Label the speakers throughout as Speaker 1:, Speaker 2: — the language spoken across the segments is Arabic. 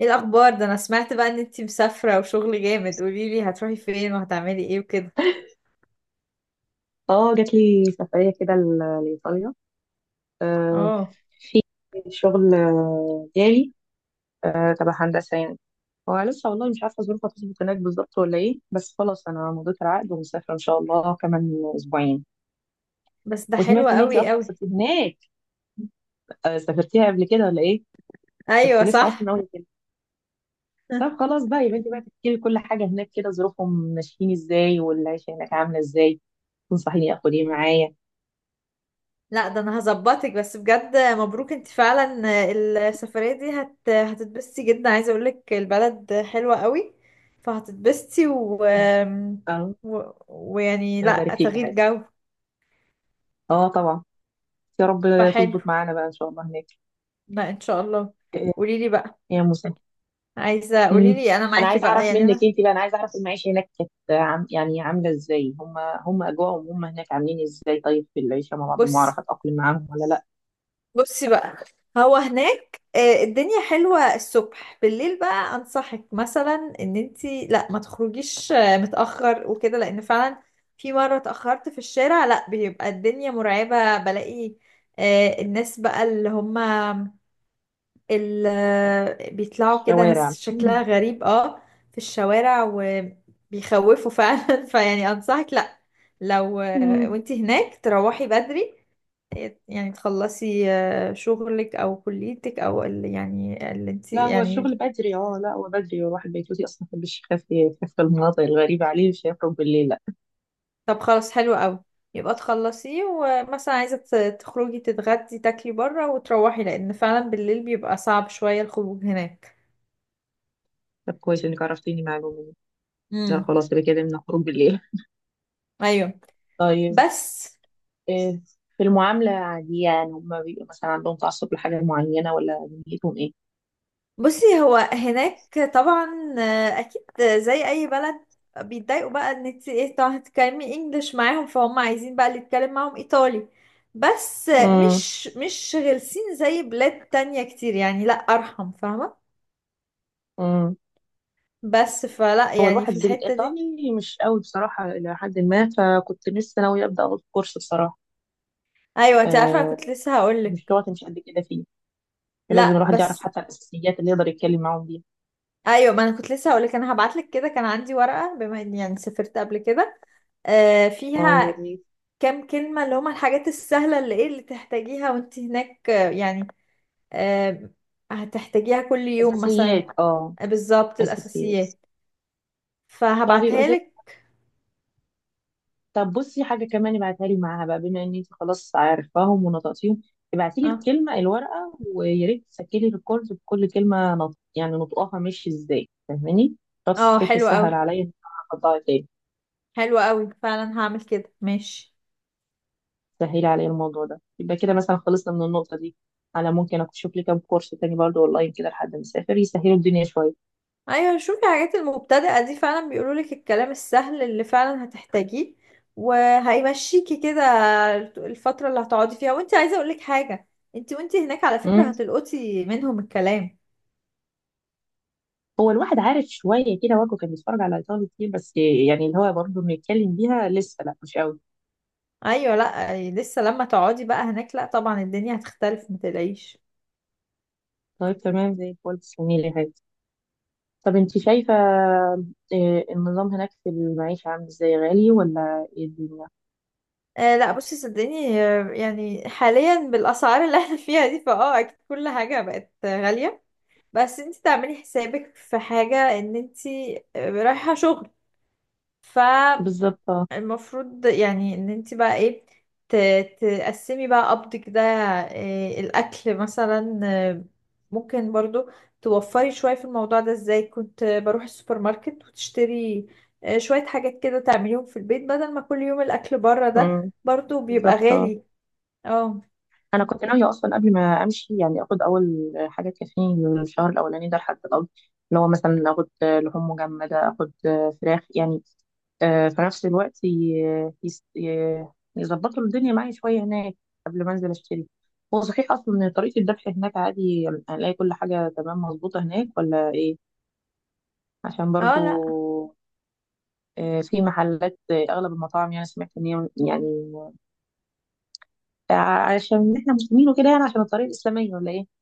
Speaker 1: ايه الاخبار؟ ده انا سمعت بقى ان انتي مسافره وشغل جامد، قولي لي هتروحي فين وهتعملي ايه وكده.
Speaker 2: اه جات لي سفرية كده لإيطاليا. آه،
Speaker 1: اه.
Speaker 2: في شغل، جالي تبع هندسة يعني. هو لسه، والله مش عارفة ظروفها تظبط هناك بالظبط ولا ايه، بس خلاص أنا مضيت العقد ومسافرة إن شاء الله كمان أسبوعين.
Speaker 1: بس ده حلو
Speaker 2: وسمعت إن أنتي
Speaker 1: قوي
Speaker 2: أصلا
Speaker 1: قوي.
Speaker 2: سافرتي هناك. سافرتيها قبل كده ولا ايه؟ كنت
Speaker 1: ايوه
Speaker 2: لسه
Speaker 1: صح.
Speaker 2: أصلا أول كده. طب خلاص بقى، يبقى أنتي بقى تحكي لي كل حاجة هناك كده، ظروفهم ماشيين ازاي والعيشة هناك عاملة ازاي، تنصحيني آخد ايه معايا.
Speaker 1: لا ده انا هظبطك، بس بجد مبروك انتي فعلا. السفريه دي هتتبسطي جدا، عايزه اقولك البلد حلوه قوي، فهتتبسطي و...
Speaker 2: اه،
Speaker 1: و... ويعني
Speaker 2: الله
Speaker 1: لا
Speaker 2: يبارك فيك يا
Speaker 1: تغيير
Speaker 2: حياتي.
Speaker 1: جو،
Speaker 2: اه، طبعا. يا رب
Speaker 1: فحلو.
Speaker 2: تظبط معانا بقى ان شاء الله هناك.
Speaker 1: لا ان شاء الله. قولي لي بقى،
Speaker 2: يا موسى.
Speaker 1: عايزه قولي
Speaker 2: امم
Speaker 1: لي انا
Speaker 2: انا
Speaker 1: معاكي
Speaker 2: عايز اعرف
Speaker 1: بقى، يعني
Speaker 2: منك
Speaker 1: انا.
Speaker 2: انت بقى، انا عايز اعرف المعيشه هناك كانت، عم يعني عامله ازاي هم اجواءهم هناك عاملين ازاي. طيب، في العيشه مع بعض،
Speaker 1: بصي
Speaker 2: المعرفه اتاقلم معاهم ولا لا.
Speaker 1: بصي بقى، هو هناك الدنيا حلوة الصبح، بالليل بقى أنصحك مثلا إن انتي لا ما تخرجيش متأخر وكده، لأن فعلا في مرة اتأخرت في الشارع لا بيبقى الدنيا مرعبة، بلاقي الناس بقى اللي هما اللي بيطلعوا كده
Speaker 2: الشوارع.
Speaker 1: ناس
Speaker 2: مم.
Speaker 1: شكلها غريب. اه، في الشوارع وبيخوفوا فعلا فيعني أنصحك لا، لو
Speaker 2: مم.
Speaker 1: وانتي هناك تروحي بدري، يعني تخلصي شغلك او كليتك يعني اللي انت
Speaker 2: لا هو الشغل
Speaker 1: يعني.
Speaker 2: بدري، اه لا هو بدري، هو الواحد بيتوتي اصلا ما بيحبش يخاف، يخاف في المناطق الغريبه عليه، مش هيخرج بالليل لا.
Speaker 1: طب خلاص حلو قوي، يبقى تخلصيه، ومثلا عايزة تخرجي تتغدي تاكلي بره وتروحي، لان فعلا بالليل بيبقى صعب شوية الخروج هناك.
Speaker 2: طب كويس انك عرفتيني معلومه دي. لا
Speaker 1: امم.
Speaker 2: خلاص يبقى كده من خروج بالليل.
Speaker 1: ايوه.
Speaker 2: طيب.
Speaker 1: بس
Speaker 2: إيه؟ في المعاملة عادية؟ يعني هما بيبقوا مثلا عندهم تعصب لحاجة معينة، ولا دنيتهم ايه؟
Speaker 1: بصي، هو هناك طبعا اكيد زي اي بلد بيتضايقوا بقى ان انت ايه، طبعا هتتكلمي انجلش معاهم، فهم عايزين بقى اللي يتكلم معاهم ايطالي، بس
Speaker 2: امم.
Speaker 1: مش غلسين زي بلاد تانية كتير، يعني لا ارحم، فاهمة؟
Speaker 2: امم.
Speaker 1: بس فلا
Speaker 2: هو
Speaker 1: يعني
Speaker 2: الواحد
Speaker 1: في الحتة دي.
Speaker 2: الإيطالي مش قوي بصراحة إلى حد ما، فكنت لسه ناوية أبدأ أخد كورس بصراحة.
Speaker 1: ايوه انت عارفة انا كنت
Speaker 2: آه،
Speaker 1: لسه
Speaker 2: مش
Speaker 1: هقولك.
Speaker 2: لغتي مش قد كده فيه. فلازم
Speaker 1: لا
Speaker 2: الواحد يعرف
Speaker 1: بس.
Speaker 2: حتى الأساسيات اللي يقدر يتكلم معاهم بيها.
Speaker 1: ايوه ما انا كنت لسه هقولك، انا هبعتلك كده كان عندي ورقة بما اني يعني سافرت قبل كده،
Speaker 2: اه، يا
Speaker 1: فيها
Speaker 2: ريت.
Speaker 1: كام كلمة اللي هما الحاجات السهلة اللي ايه اللي تحتاجيها وانت هناك، يعني آه، هتحتاجيها كل يوم مثلا.
Speaker 2: أساسيات، اه.
Speaker 1: بالظبط
Speaker 2: أساسيات.
Speaker 1: الأساسيات،
Speaker 2: طب يبقى
Speaker 1: فهبعتها
Speaker 2: زي،
Speaker 1: لك.
Speaker 2: طب بصي حاجة كمان ابعتها لي معاها بقى، بما ان انت خلاص عارفاهم ونطقتيهم، ابعتي لي
Speaker 1: اه
Speaker 2: الكلمة، الورقة، ويا ريت تسجلي ريكورد بكل كلمة، يعني نطقها ماشي ازاي، فاهماني؟ بس
Speaker 1: اه،
Speaker 2: بحيث
Speaker 1: حلو
Speaker 2: يسهل
Speaker 1: قوي.
Speaker 2: عليا ان انا اطلعها تاني.
Speaker 1: حلو قوي فعلا، هعمل كده، ماشي.
Speaker 2: سهلي عليا الموضوع ده، يبقى كده مثلا خلصنا من النقطة دي. على ممكن اشوف لي كام كورس تاني برضه اونلاين كده لحد ما اسافر، يسهلوا الدنيا شوية.
Speaker 1: ايوه شوفي الحاجات المبتدئة دي، فعلا بيقولوا لك الكلام السهل اللي فعلا هتحتاجيه، وهيمشيكي كده الفترة اللي هتقعدي فيها. وانت عايزة اقول لك حاجة، انت وانت هناك على فكرة
Speaker 2: امم
Speaker 1: هتلقطي منهم الكلام.
Speaker 2: هو الواحد عارف شوية كده، واجهه كان بيتفرج على ايطالي كتير، بس يعني اللي هو برضه بنتكلم بيها لسه لا مش قوي.
Speaker 1: ايوه لا لسه لما تقعدي بقى هناك، لا طبعا الدنيا هتختلف، ما تلاقيش.
Speaker 2: طيب تمام زي الفل، تسلمي لي. طب انت شايفة، النظام هناك في المعيشة عامل ازاي، غالي ولا ايه الدنيا؟
Speaker 1: لا بصي، صدقيني يعني حاليا بالاسعار اللي احنا فيها دي فاه، اكيد كل حاجه بقت غاليه. بس انت تعملي حسابك في حاجه ان انت رايحه شغل، ف
Speaker 2: بالظبط، اه.
Speaker 1: المفروض يعني ان انت بقى ايه تقسمي بقى قبضك ده. إيه الاكل مثلا؟ ممكن برضو توفري شوية في الموضوع ده، ازاي؟ كنت بروح السوبر ماركت وتشتري شوية حاجات كده تعمليهم في البيت، بدل ما كل يوم الاكل بره ده
Speaker 2: مم.
Speaker 1: برضو بيبقى
Speaker 2: بالظبط، اه.
Speaker 1: غالي. اه.
Speaker 2: انا كنت ناوية اصلا قبل ما امشي، يعني اخد اول حاجة تكفيني الشهر الاولاني ده لحد القبض، اللي هو مثلا اخد لحوم مجمدة، اخد فراخ يعني، في نفس الوقت، يظبطوا الدنيا معايا شوية هناك قبل ما انزل اشتري. هو صحيح اصلا ان طريقة الذبح هناك عادي، هنلاقي كل حاجة تمام مظبوطة هناك ولا ايه؟ عشان
Speaker 1: اه
Speaker 2: برضو،
Speaker 1: لا.
Speaker 2: في محلات، اغلب المطاعم يعني، سمعت ان هي يعني، عشان احنا مسلمين وكده، يعني عشان الطريقه الاسلاميه، ولا ايه،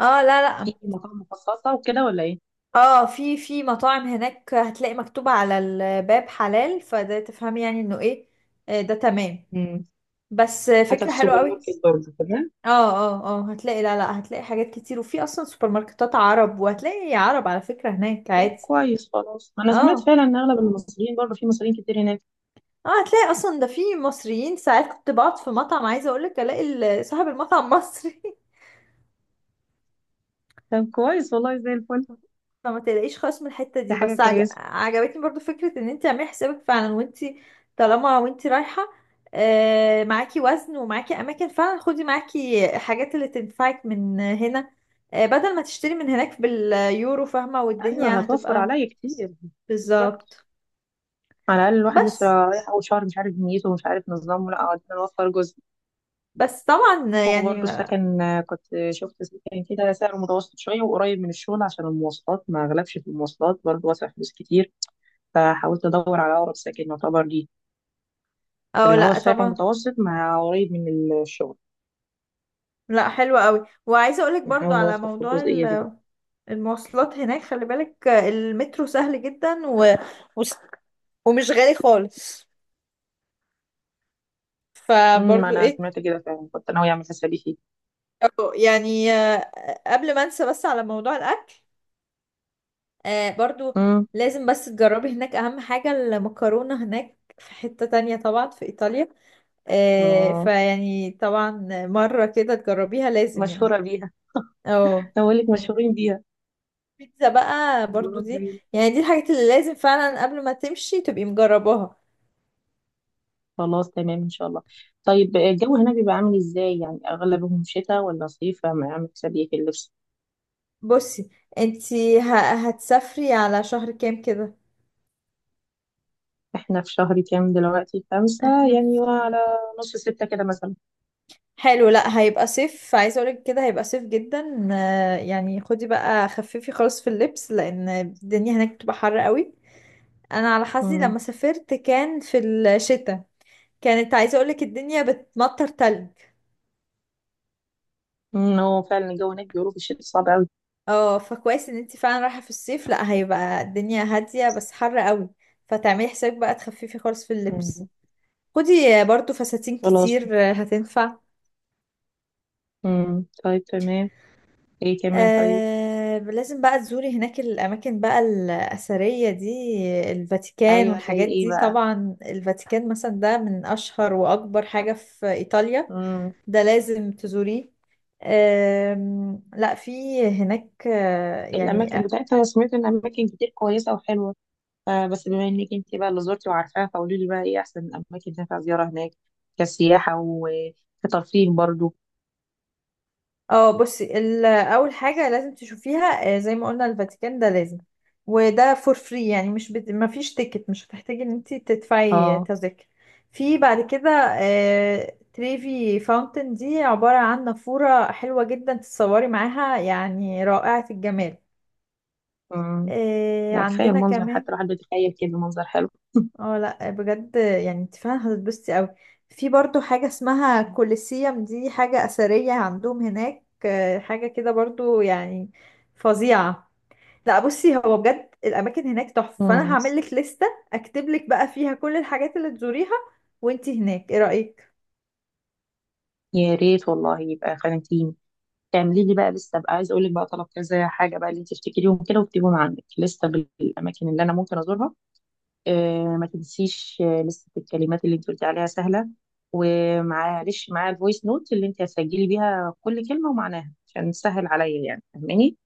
Speaker 1: اه لا لا.
Speaker 2: في مطاعم مخصصه وكده ولا ايه؟
Speaker 1: اه، في مطاعم هناك هتلاقي مكتوب على الباب حلال، فده تفهمي يعني انه ايه. ده تمام.
Speaker 2: مم.
Speaker 1: بس
Speaker 2: حتى
Speaker 1: فكرة
Speaker 2: في
Speaker 1: حلوة
Speaker 2: السوبر
Speaker 1: قوي.
Speaker 2: ماركت برضه تمام؟
Speaker 1: اه اه اه هتلاقي، لا لا، هتلاقي حاجات كتير، وفي اصلا سوبر ماركتات عرب، وهتلاقي عرب على فكرة هناك
Speaker 2: طب
Speaker 1: عادي.
Speaker 2: كويس خلاص. انا سمعت
Speaker 1: اه
Speaker 2: فعلا ان اغلب المصريين، برضه في مصريين كتير هناك.
Speaker 1: اه هتلاقي اصلا ده في مصريين، ساعات كنت بقعد في مطعم، عايزة اقولك الاقي صاحب المطعم مصري.
Speaker 2: طب كويس والله، زي الفل.
Speaker 1: فما تلاقيش خالص من الحتة
Speaker 2: دي
Speaker 1: دي،
Speaker 2: حاجه
Speaker 1: بس
Speaker 2: كويسه.
Speaker 1: عجبتني برضو فكرة ان انت تعملي حسابك فعلا وانت طالما وانت رايحة، معاكي وزن ومعاكي اماكن، فعلا خدي معاكي حاجات اللي تنفعك من هنا، بدل ما تشتري من هناك باليورو، فاهمة؟
Speaker 2: ايوه،
Speaker 1: والدنيا
Speaker 2: هتوفر
Speaker 1: هتبقى
Speaker 2: عليا كتير. بالظبط.
Speaker 1: بالظبط.
Speaker 2: على الاقل الواحد لسه
Speaker 1: بس
Speaker 2: رايح اول شهر، مش عارف نيته ومش عارف نظامه، لا قعدنا نوفر جزء.
Speaker 1: بس طبعا يعني.
Speaker 2: وبرضه السكن، كنت شفت سكن كده سعره متوسط شوية وقريب من الشغل، عشان المواصلات ما أغلبش في المواصلات، برضه واسع فلوس كتير، فحاولت أدور على أقرب سكن يعتبر لي
Speaker 1: او
Speaker 2: اللي هو
Speaker 1: لا
Speaker 2: السعر
Speaker 1: طبعا.
Speaker 2: المتوسط مع قريب من الشغل.
Speaker 1: لا حلوة قوي. وعايزة اقولك برضو
Speaker 2: نحاول
Speaker 1: على
Speaker 2: نوفر في
Speaker 1: موضوع
Speaker 2: الجزئية دي برضه.
Speaker 1: المواصلات هناك، خلي بالك المترو سهل جدا و... و... ومش غالي خالص،
Speaker 2: أمم. ما
Speaker 1: فبرضو
Speaker 2: أنا
Speaker 1: ايه.
Speaker 2: سمعت كده فعلا، كنت ناوية أعمل حسابي فيه.
Speaker 1: أو يعني قبل ما انسى، بس على موضوع الاكل برضو
Speaker 2: أمم.
Speaker 1: لازم بس تجربي هناك، اهم حاجة المكرونة هناك في حتة تانية طبعا في ايطاليا،
Speaker 2: آه،
Speaker 1: فيعني طبعا مرة كده تجربيها لازم، يعني.
Speaker 2: مشهورة بيها.
Speaker 1: اه.
Speaker 2: أقول لك مشهورين بيها.
Speaker 1: بيتزا بقى برضو
Speaker 2: خلاص
Speaker 1: دي،
Speaker 2: زي،
Speaker 1: يعني دي الحاجات اللي لازم فعلا قبل ما تمشي تبقي مجرباها.
Speaker 2: خلاص تمام إن شاء الله. طيب الجو هنا بيبقى عامل إزاي يعني، أغلبهم شتاء ولا صيف، ما أعمل حسابي في اللبس.
Speaker 1: بصي انتي هتسافري على شهر كام كده؟
Speaker 2: احنا في شهر كام دلوقتي؟ 5
Speaker 1: احنا
Speaker 2: يعني،
Speaker 1: في خم-
Speaker 2: وعلى نص 6 كده مثلا.
Speaker 1: حلو، لا هيبقى صيف، عايزه اقولك كده هيبقى صيف جدا، يعني خدي بقى خففي خالص في اللبس، لان الدنيا هناك بتبقى حر قوي. انا على حظي
Speaker 2: امم.
Speaker 1: لما سافرت كان في الشتاء، كانت عايزه اقولك الدنيا بتمطر تلج.
Speaker 2: أمم، هو فعلا الجو هناك بيقولوا في الشتاء صعب أوي.
Speaker 1: اه فكويس ان انت فعلا رايحه في الصيف، لا هيبقى الدنيا هاديه بس حر قوي، فتعملي حسابك بقى تخففي خالص في اللبس،
Speaker 2: أمم.
Speaker 1: خدي برضو فساتين
Speaker 2: خلاص.
Speaker 1: كتير هتنفع.
Speaker 2: طيب تمام. ايه كمان؟ طيب.
Speaker 1: لازم بقى تزوري هناك الاماكن بقى الاثريه دي، الفاتيكان
Speaker 2: ايوه، زي
Speaker 1: والحاجات
Speaker 2: ايه
Speaker 1: دي،
Speaker 2: بقى؟
Speaker 1: طبعا الفاتيكان مثلا ده من اشهر واكبر حاجه في ايطاليا،
Speaker 2: امم
Speaker 1: ده لازم تزوريه. لا في هناك يعني.
Speaker 2: الاماكن بتاعتها، سمعت ان اماكن كتير كويسة وحلوة. آه، بس بما انك انت بقى اللي زرتي وعارفاها، فقولي لي بقى ايه احسن الاماكن تنفع زيارة هناك كسياحة وكترفيه برضو.
Speaker 1: اه بصي اول حاجه لازم تشوفيها، زي ما قلنا الفاتيكان ده لازم، وده فور فري، يعني مش ما فيش تيكت، مش هتحتاجي ان انت تدفعي
Speaker 2: اه.
Speaker 1: تذاكر. في بعد كده تريفي فاونتن، دي عباره عن نافوره حلوه جدا، تتصوري معاها، يعني رائعه الجمال.
Speaker 2: امم يعني كفاية
Speaker 1: عندنا
Speaker 2: المنظر، حتى
Speaker 1: كمان.
Speaker 2: الواحد بيتخيل كده منظر حلو.
Speaker 1: اه لا بجد، يعني انت فعلا هتتبسطي قوي. في برضو حاجة اسمها كوليسيوم، دي حاجة أثرية عندهم هناك، حاجة كده برضو، يعني فظيعة. لا بصي هو بجد الأماكن هناك تحفة، فأنا
Speaker 2: امم
Speaker 1: هعمل لك لستة، أكتب لك بقى فيها كل الحاجات اللي تزوريها وانت هناك، ايه رأيك؟
Speaker 2: يا ريت والله، يبقى خانتيني تعملي لي بقى، لسه بقى عايز اقول لك بقى طلب كذا حاجه بقى اللي انت تفتكريهم كده، واكتبيهم عندك لسه، بالاماكن اللي انا ممكن ازورها. آه، ما تنسيش. لسه الكلمات اللي انت قلتي عليها سهله، ومعلش معايا الفويس نوت اللي انت هتسجلي بيها كل كلمه ومعناها، عشان تسهل عليا يعني، فاهماني؟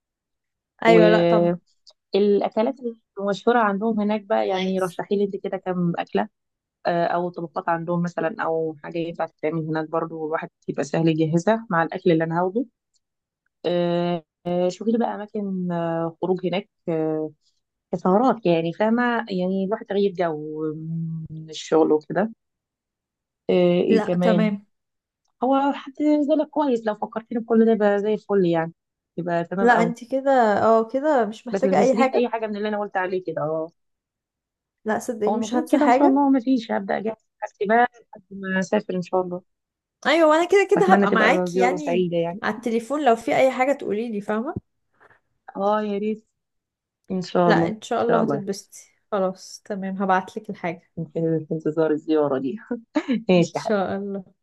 Speaker 1: أيوة لا طبعا.
Speaker 2: والاكلات المشهوره عندهم هناك بقى، يعني رشحي لي انت كده كام اكله، آه، او طبقات عندهم مثلا، او حاجه ينفع تتعمل هناك برضو الواحد يبقى سهل يجهزها مع الاكل اللي انا هاخده. شوفي لي بقى اماكن خروج هناك، كسهرات يعني، فاهمه يعني، الواحد تغيير جو من الشغل وكده. آه، ايه
Speaker 1: لا
Speaker 2: كمان؟
Speaker 1: تمام.
Speaker 2: هو حد زي لك كويس، لو فكرتني بكل ده يبقى زي الفل يعني، يبقى تمام
Speaker 1: لا
Speaker 2: قوي.
Speaker 1: انت كده، اه كده مش
Speaker 2: بس ما
Speaker 1: محتاجة أي
Speaker 2: تنسيليش اي
Speaker 1: حاجة.
Speaker 2: حاجه من اللي انا قلت عليه كده، اه.
Speaker 1: لا
Speaker 2: هو
Speaker 1: صدقيني مش
Speaker 2: المفروض
Speaker 1: هنسى
Speaker 2: كده ان شاء
Speaker 1: حاجة.
Speaker 2: الله ما فيش، هبدا اجهز حاجتي بقى لحد ما اسافر ان شاء الله.
Speaker 1: أيوة وأنا كده كده
Speaker 2: اتمنى
Speaker 1: هبقى
Speaker 2: تبقى
Speaker 1: معاكي،
Speaker 2: زياره
Speaker 1: يعني
Speaker 2: سعيده يعني.
Speaker 1: على التليفون لو في أي حاجة تقوليلي، فاهمة؟
Speaker 2: اه، يا ريت. ان شاء الله،
Speaker 1: لا
Speaker 2: ان
Speaker 1: ان شاء
Speaker 2: شاء
Speaker 1: الله
Speaker 2: الله يا حبيبتي.
Speaker 1: هتتبسطي. خلاص تمام، هبعتلك الحاجة،
Speaker 2: في انتظار الزياره دي.
Speaker 1: ان
Speaker 2: ماشي يا حبيبتي.
Speaker 1: شاء الله.